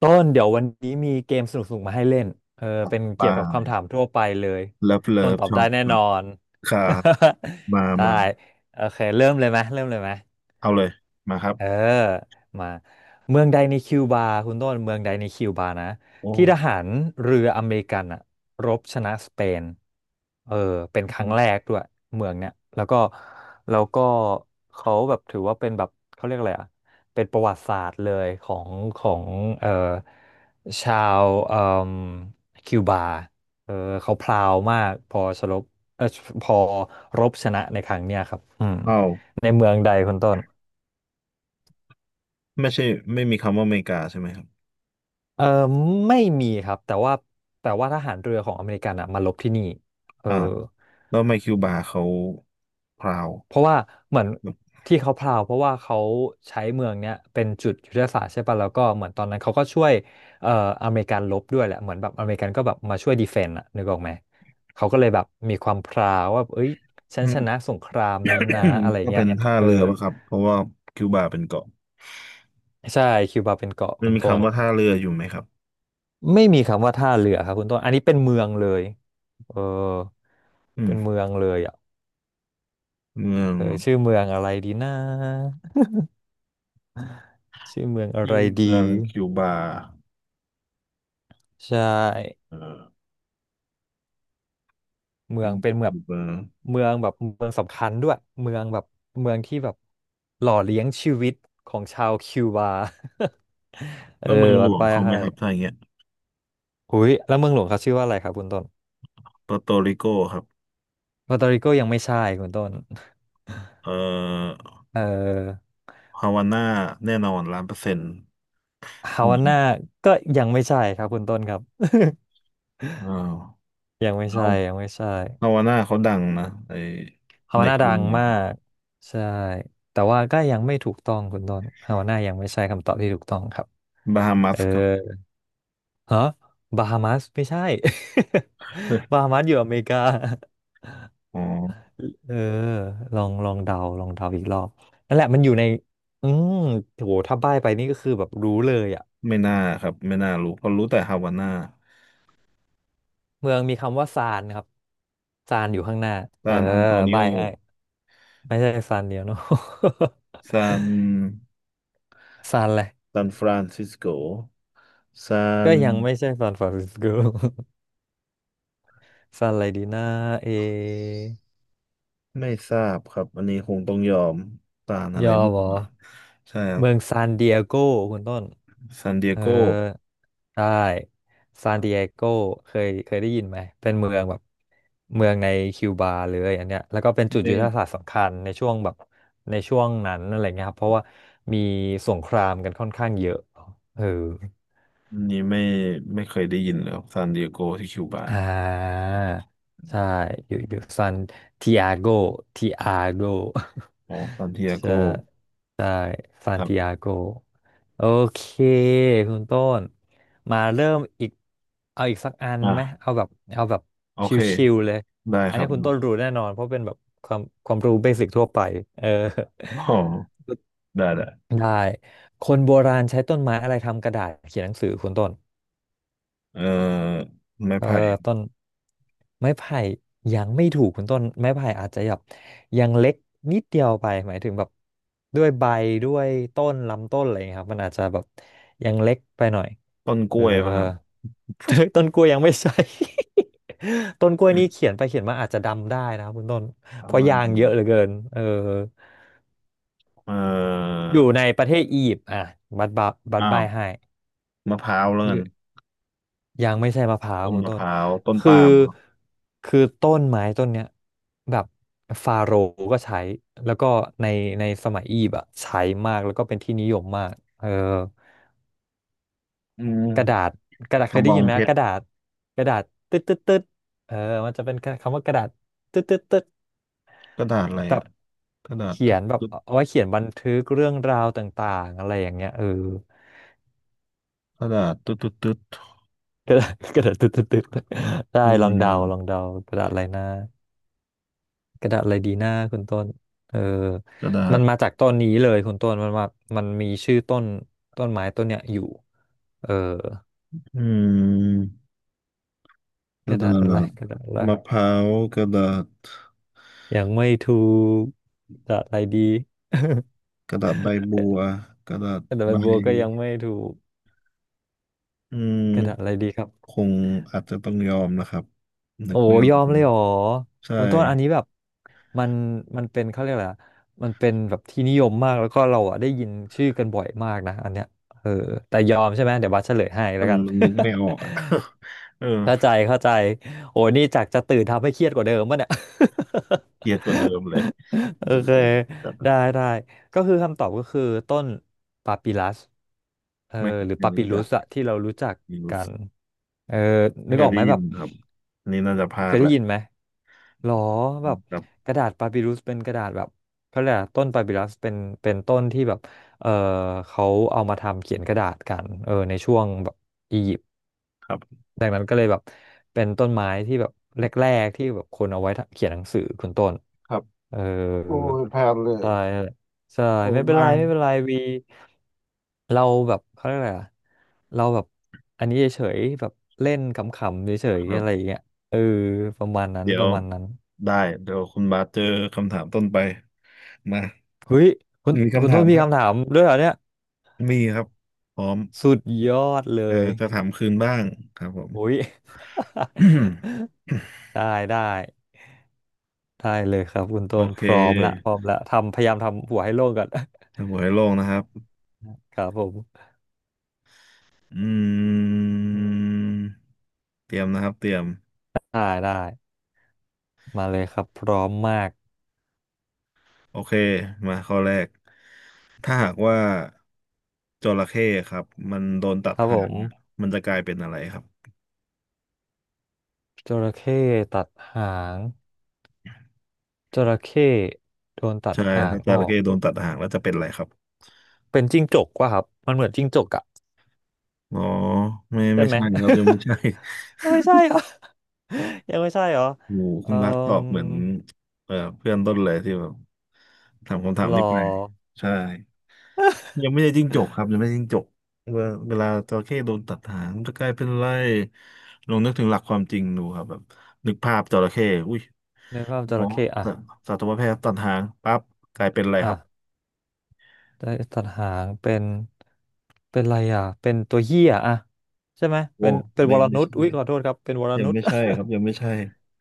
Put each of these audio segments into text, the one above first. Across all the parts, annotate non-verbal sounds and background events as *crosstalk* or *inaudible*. ต้นเดี๋ยววันนี้มีเกมสนุกๆมาให้เล่นเป็นปลเกี่ยวกับาคำถามทั่วไปเลยเลิฟเลิต้นฟตอบชอได้บแน่ครันอบน ครั *laughs* มาได้มาโอเคเริ่มเลยไหมเริ่มเลยไหม เอาเลย มาครับเออมาเมืองใดในคิวบาคุณต้นเมืองใดในคิวบานะโอ้ที่ทหารเรืออเมริกันอะรบชนะสเปนเออเป็นครั้งแรกด้วยเมืองเนี้ยแล้วก็แล้วก็เขาแบบถือว่าเป็นแบบเขาเรียกอะไรอะเป็นประวัติศาสตร์เลยของเออชาวคิวบาเออเขาพลาวมากพอชลบเออพอรบชนะในครั้งเนี้ยครับอืมอ้าวในเมืองใดคุณต้น ไม่ใช่ไม่มีคำว่าอเมริกาใช่ไหมครับเออไม่มีครับแต่ว่าทหารเรือของอเมริกันอ่ะมาลบที่นี่เอออ้าวแล้วทำไมคิวบาเขาพราวเพราะว่าเหมือนที่เขาพราวเพราะว่าเขาใช้เมืองเนี้ยเป็นจุดยุทธศาสตร์ใช่ป่ะแล้วก็เหมือนตอนนั้นเขาก็ช่วยเอ่ออเมริกันลบด้วยแหละเหมือนแบบอเมริกันก็แบบมาช่วยดีเฟนต์อ่ะนึกออกไหมเขาก็เลยแบบมีความพราวว่าเอ้ยฉัอืนชม นะสงครามนี้นะอะไร *coughs* ก็เงี้เป็ยนท่าเออเรือป่ะครับเพราะว่าคิวบาเป็นเกาะใช่คิวบาเป็นเกาะมัคุนณมีต้คำนว่าท่าเรืออยู่ไหมครับไม่มีคำว่าท่าเรือครับคุณต้นอันนี้เป็นเมืองเลยเอออืเป็นมเมืองเลยอ่ะ เมืองชื่อเมืองอะไรดีนะชื่อเมืองอะชื่ไรอเมืดีองคิวบาใช่เออเมืเป็อนงเป็นเมืองคิวบาเมืองแบบเมืองสำคัญด้วยเมืองแบบเมืองที่แบบหล่อเลี้ยงชีวิตของชาวคิวบา *laughs* เออแล้วเมืองหลวัดวงไปเขาไหมให้ครับถ้าอย่างเงี้ยหุยแล้วเมืองหลวงเขาชื่อว่าอะไรครับคุณต้นปอร์โตริโกครับปาตาริโกยังไม่ใช่คุณต้นเอ่อเออฮาวาน่าแน่นอนล้านเปอร์เซ็นต์ ฮาอืวาน่ามก็ยังไม่ใช่ครับคุณต้นครับ อ้าว *laughs* ยังไม่เอาใช่ยังไม่ใช่ ฮาวาน่าเขาดังนะไอฮาในวาน่าคิดัวงเมืองมาครับกใช่แต่ว่าก็ยังไม่ถูกต้องคุณต้นฮาวาน่ายังไม่ใช่คำตอบที่ถูกต้องครับบาฮามัเอสอครับ ฮะบาฮามัสไม่ใช่ *laughs* บา *laughs* ฮามัสอยู่อเมริกาอ๋อ เออลองเดาลองเดาอีกรอบนั่นแหละมันอยู่ในอืมโหถ้าใบ้ไปนี่ก็คือแบบรู้เลยอ่ะไม่น่าครับไม่น่ารู้เพราะรู้แต่ฮาวาน่าเมืองมีคำว่าซานครับซานอยู่ข้างหน้าเออซานอันโตนิโอใบ้ให้ไม่ใช่ซานเดียวเนาะ ซาน *laughs* ซานอะไรซานฟรานซิสโกซาก็นยังไม่ใช่ซานฟรานซิสโก ซันอะไรดีนะเอไม่ทราบครับ อันนี้คงต้องยอมซานอะยไรอมไม่เหรรู้ออ่ะใช่ครับเมืองซานดิเอโกคุณต้น ซานดิเอเออโกใช่ซานดิเอโกเคยเคยได้ยินไหม เป็นเมืองแบบเมืองในคิวบาเลยอันเนี้ยแล้วก็เป็นจุดไม่ยุทธศาสตร์สำคัญในช่วงแบบในช่วงนั้นอะไรเงี้ยครับ เพราะว่ามีสงครามกันค่อนข้างเยอะ เออ อันนี้ไม่ไม่เคยได้ยินเลยครับซานดิเอโกที่คิวบา อ่าใช่ อยู่ซันทิอาโกทิอาโก อ๋อซานดิเอ *laughs* โกใช่ ซาคนรัติบอาโกโอเคคุณต้นมาเริ่มอีกเอาอีกสักอันไหมอ่ะเอาแบบเอาแบบโอเค ชิวๆเลยได้อัคนรันี้บ คุณต้นรู้แน่นอนเพราะเป็นแบบความรู้เบสิกทั่วไปเออ อ๋อได้ได้ *laughs* ได้คนโบราณใช้ต้นไม้อะไรทำกระดาษเขียนหนังสือคุณต้น เอ่อไม้เออไผ่ต้นไม้ไผ่ยังไม่ถูกคุณต้นไม้ไผ่อาจจะแบบยังเล็กนิดเดียวไปหมายถึงแบบด้วยใบด้วยต้นลำต้นอะไรอย่างเงี้ยครับมันอาจจะแบบยังเล็กไปหน่อยต้นกเอล้อ วยป่ะครับ *laughs* ต้นกล้วยยังไม่ใช่ *laughs* ต้นกล้วยอนี่เขีมยนไปเขียนมาอาจจะดำได้นะครับคุณต้นอะเพราะไรยางเยอะเหลือเกินเอ่ออยู่ในประเทศอียิปต์อ่ะบัดบัดบัดอ้าใบวให้มะพร้าวแล้วอกันยู่ ยังไม่ใช่มะพร้าวต้นคุณมะต้พนร้าวต้นคือปาล์มครับคือต้นไม้ต้นเนี้ยแบบฟาโรห์ก็ใช้แล้วก็ในในสมัยอียิปต์อะใช้มากแล้วก็เป็นที่นิยมมากอืกระดาษมกระดาษกเคระยบได้อยิงนไหมเพชกรระดาษกระดาษตึ๊ดตึ๊ดตึ๊ดเออมันจะเป็นคำว่ากระดาษตึ๊ดตึ๊ดตึ๊ดกระดาษอะไรแบบอ่ะกระดาษเขีตึ๊ยดนแบบตึ๊ดเอาไว้เขียนบันทึกเรื่องราวต่างๆอะไรอย่างเงี้ยกระดาษตึ๊ดตึ๊ดตึ๊ด *laughs* กระดาษกระดาษตึ๊ดตึ๊ดตึ๊ดได้คือลออะงไรเดาลองอะเดากระดาษอะไรนะ กระดาษอะไรดีหน้าคุณต้นเออกระดามัษนมาจากต้นนี้เลยคุณต้นมันมามันมีชื่อต้นต้นไม้ต้นเนี้ยอยู่เอออืมกกระระดาดาษอะษไรกระดาษอะไรมะพร้าวกระดาษยังไม่ถูกกระดาษอะไรดี *laughs* กระดาษใบบัวกระดาษกระดาษ *laughs* ใบใบบัวก็ยังไม่ถูกอืกระดาษอะไรมดีครับคงอาจจะต้องยอมนะครับนึโอ้กไม่ออยกอมเลเลยย เหรอใช่ คุณต้นอันนี้แบบมันมันเป็นเขาเรียกอะไรอะมันเป็นแบบที่นิยมมากแล้วก็เราอ่ะได้ยินชื่อกันบ่อยมากนะอันเนี้ยเออแต่ยอมใช่ไหมเดี๋ยวบัสเฉลยให้แล้มัวนกัน นึกไม่ออก *laughs* อ่ะ *laughs* เออเข้าใจเข้าใจโอ้นี่จากจะตื่นทำให้เครียดกว่าเดิมป่ะเนี่ย *laughs* เกลียดกว่าเดิมเลยเอโออเคแบบได้ได้ก็คือคำตอบก็คือต้นปาปิลัสเออไม่หรือไม่ปารู้ปิลุจักสอะที่เรารู้จักไม่รู้กัสึนกเออไม่นึเคกอยอกได้ไหมยิแบนบครับอันนี่น่าจะพลาเคดยแหได้ละยินไหมหรอแบบครับกระดาษปาปิลุสเป็นกระดาษแบบเขาเรียกอะไรต้นปาปิลัสเป็นเป็นต้นที่แบบเออเขาเอามาทำเขียนกระดาษกันในช่วงแบบอียิปต์ ครับจากนั้นก็เลยแบบเป็นต้นไม้ที่แบบแรกๆที่แบบคนเอาไว้เขียนหนังสือคุณต้นครับเออโอ้ยพลาดเลยใช่ใช่โอ้ไม่เป็นบ้าไรงไม่เป็นไรวีเราแบบเขาเรียกอะไรอะเราแบบอันนี้เฉยๆแบบเล่นขำๆเฉคยๆรับอะไรอย่างเงี้ยเออประมาณนั้นเดี๋ยปวระมาณนั้นได้ เดี๋ยวคุณบาสเจอคำถามต้นไปมาเฮ้ยคุณมีคุณคำถาต้มนมีครับ คำถามด้วยเหรอเนี่ยมีครับพร้อมสุดยอดเลเออยจะถามคืนบ้างครับผม โอ้ย *laughs* *coughs* ได้ได้ ได้เลยครับคุณโอต้นเคพร้อมละพร้อมละทำพยายามทำหัวให้โล่งก่อน ถ้าหัวให้โล่งนะครับ *laughs* ครับผมอือืมมเตรียมนะครับเตรียมได้ได้มาเลยครับพร้อมมากโอเคมาข้อแรกถ้าหากว่าจระเข้ครับมันโดนตัคดรับผหางมอะมันจะกลายเป็นอะไรครับจระเข้ตัดหางจระเข้โดนตัดใช่หางถ้าจออระกเข้โดนตัดหางแล้วจะเป็นอะไรครับเป็นจิ้งจกว่ะครับมันเหมือนจิ้งจกอะอ๋อไม่ใช่ไม่ไหม ใช่ครับยังไม่ใช่ *laughs* ไม่ใช่เหรอ *laughs* *laughs* ยังไม่ใช่เหรอโอ้โหเอ่คุอณบาสตอบเหมือนเพื่อนต้นเลยที่แบบถามคำถามหรอนี้ไปใช่ ยังไม่ได้จิ้งจกครับยังไม่ได้จิ้งจกเวลาเวลาจระเข้โดนตัดหางมัก็กลายเป็นไรลองนึกถึงหลักความจริงดูครับแบบนึกภาพจระเข้อุ้ยในภาพจหมอระเข้อะสัสัตวแพทย์ตัดหางปั๊บกลายเป็นอะไรอ่ะ ครับได้ตัดหางเป็นเป็นอะไรอ่ะเป็นตัวเหี้ยอ่ะใช่ไหมโอ้เป็นเป็นไม่วรไม่นุชใช่อุ้ยขอโทษครับเป็นวรยังนุช ไม่ใช่ค *laughs* รับยังไม่ใช่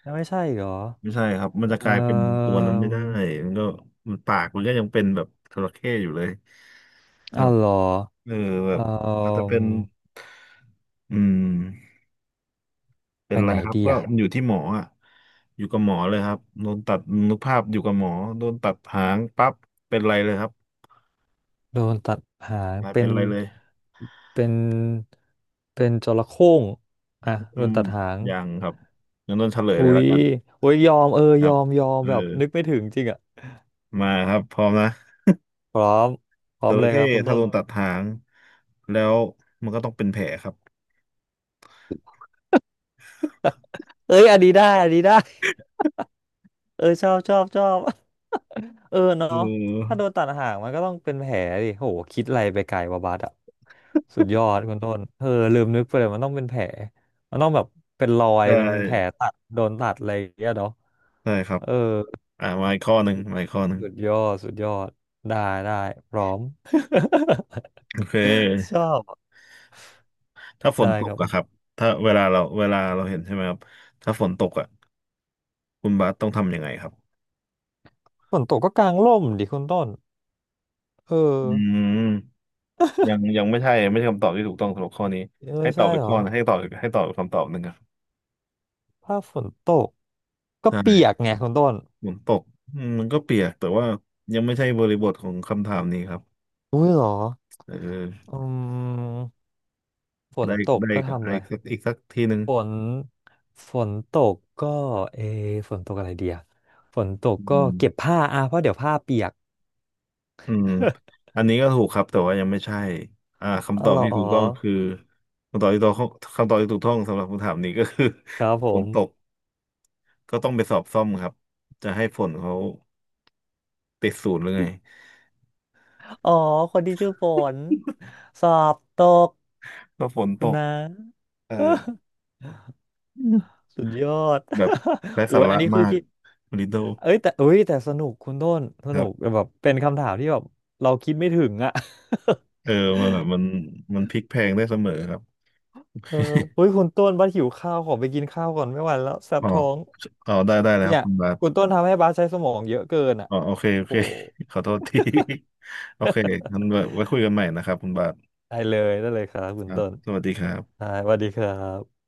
แล้ว *laughs* ไม่ใช่เหรอไม่ใช่ครับมันเอ่จะกลายเป็นตัวอนั้นไม่ได้มันก็มันปากมันก็ยังเป็นแบบจระเข้อยู่เลยครัอ้าวบเหรอเออแบเอ่บอาจจะอเป็นอืม เป็ไปนไรไหนครับดีก็อ่ะอยู่ที่หมออ่ะอยู่กับหมอเลยครับโดนตัดนึกภาพอยู่กับหมอโดนตัดหางปั๊บเป็นไรเลยครับโดนตัดหางนายเป็เป็นนไรเลยเป็นเป็นจระเข้งอ่ะโดอืนมตัดหางยังครับงั้นต้นเฉลยอุ้เลยแล้ยวกันอุ้ยยอมเออคยรัอบมยอมเออแบบนึกไม่ถึงจริงอ่ะมาครับพร้อมนะพร้อมพร้อจมเลระยเข้ครับคุณถ้าต้โดนนตัดหางแล้วมันก็ต้องเป็นแผลครับเอ้ยอันนี้ได้อันนี้ได้ เออชอบชอบชอบ *laughs* เออเเนาะถ้าออโดนตัดหางมันก็ต้องเป็นแผลดิโหคิดอะไรไปไกลวะบัสอ่ะสุดยอดคุณต้นเออลืมนึกไปเลยมันต้องเป็นแผลมันต้องแบบเป็นรอยใช่เป็นแผลตัดโดนตัดอะไรอย่างเงี้ยเนาะใช่ครับเอออ่ามาอีกข้อหนึ่งมาอีกข้อหนึ่งสุดยอดสุดยอดได้ได้พร้อม โอเค *laughs* ชอบถ้าฝนได้ตคกรับอะครับถ้าเวลาเราเวลาเราเห็นใช่ไหมครับถ้าฝนตกอะคุณบาสต้องทำยังไงครับ ฝนตกก็กางร่มดิคุณต้นเอออืมยังยังไม่ใช่ไม่ใช่คำตอบที่ถูกต้องสำหรับข้อนี้เออให้ตอใช่บไปเหรข้ออนะให้ตอบให้ตอบคำตอบหนึ่งครับถ้าฝนตกก็เปียใช่กไงคุณต้นฝนตกอืมมันก็เปียกแต่ว่ายังไม่ใช่บริบทของคำถามนี้ครับอุ้ยเหรอ เอออืมฝนได้ตกได้ก็อีทำอะไรกอีกสักอีกสักทีหนึ่งฝนฝนตกก็เอะฝนตกอะไรเดียฝนตกอืก็มเก็บผ้าอ่ะเพราะเดี๋ยวผ้าเปียก อืมอันนี้ก็ถูกครับแต่ว่ายังไม่ใช่อ่า *laughs* อ๋คำอตอเหบรอที่ถูกต้องคือคำตอบที่ถูกต้องคำตอบที่ถูกต้องสำหรับคำถามนี้ก็คือ ครับผ *laughs* ฝนมตกก็ต้องไปสอบซ่อมครับจะให้ฝนเขาติดศูนย์หรือไงอ๋อคนที่ชื่อฝนสอบตกก็ฝนตคุณกนะ เออ *laughs* สุดยอด แบบไร้ *laughs* โอ้สายอัระนนี้คืมาอกคิดลิโดเอ้ยแต่เอ้ยแต่สนุกคุณต้นสคนุรักบแบบเป็นคำถามที่แบบเราคิดไม่ถึงอะ *laughs* เออมันแบบมันมันพลิกแพลงได้เสมอครับเอออุ้ยคุณต้นบัสหิวข้าวขอไปกินข้าวก่อนไม่ไหวแล้วแสบอ๋อท้องอ๋อได้ได้เลยครัเนี่บยคุณบาคุณสต้นทำให้บัสใช้สมองเยอะเกินอ่ะอ๋อโอเคโอโอ้เค *laughs* ขอโทษที *laughs* โอเคงั้นไว้ไว้คุยกันใหม่นะครับคุณบาสได้เลยได้เลยครับคุคณรับต้นสวัสดีครับได้สวัสดีครับ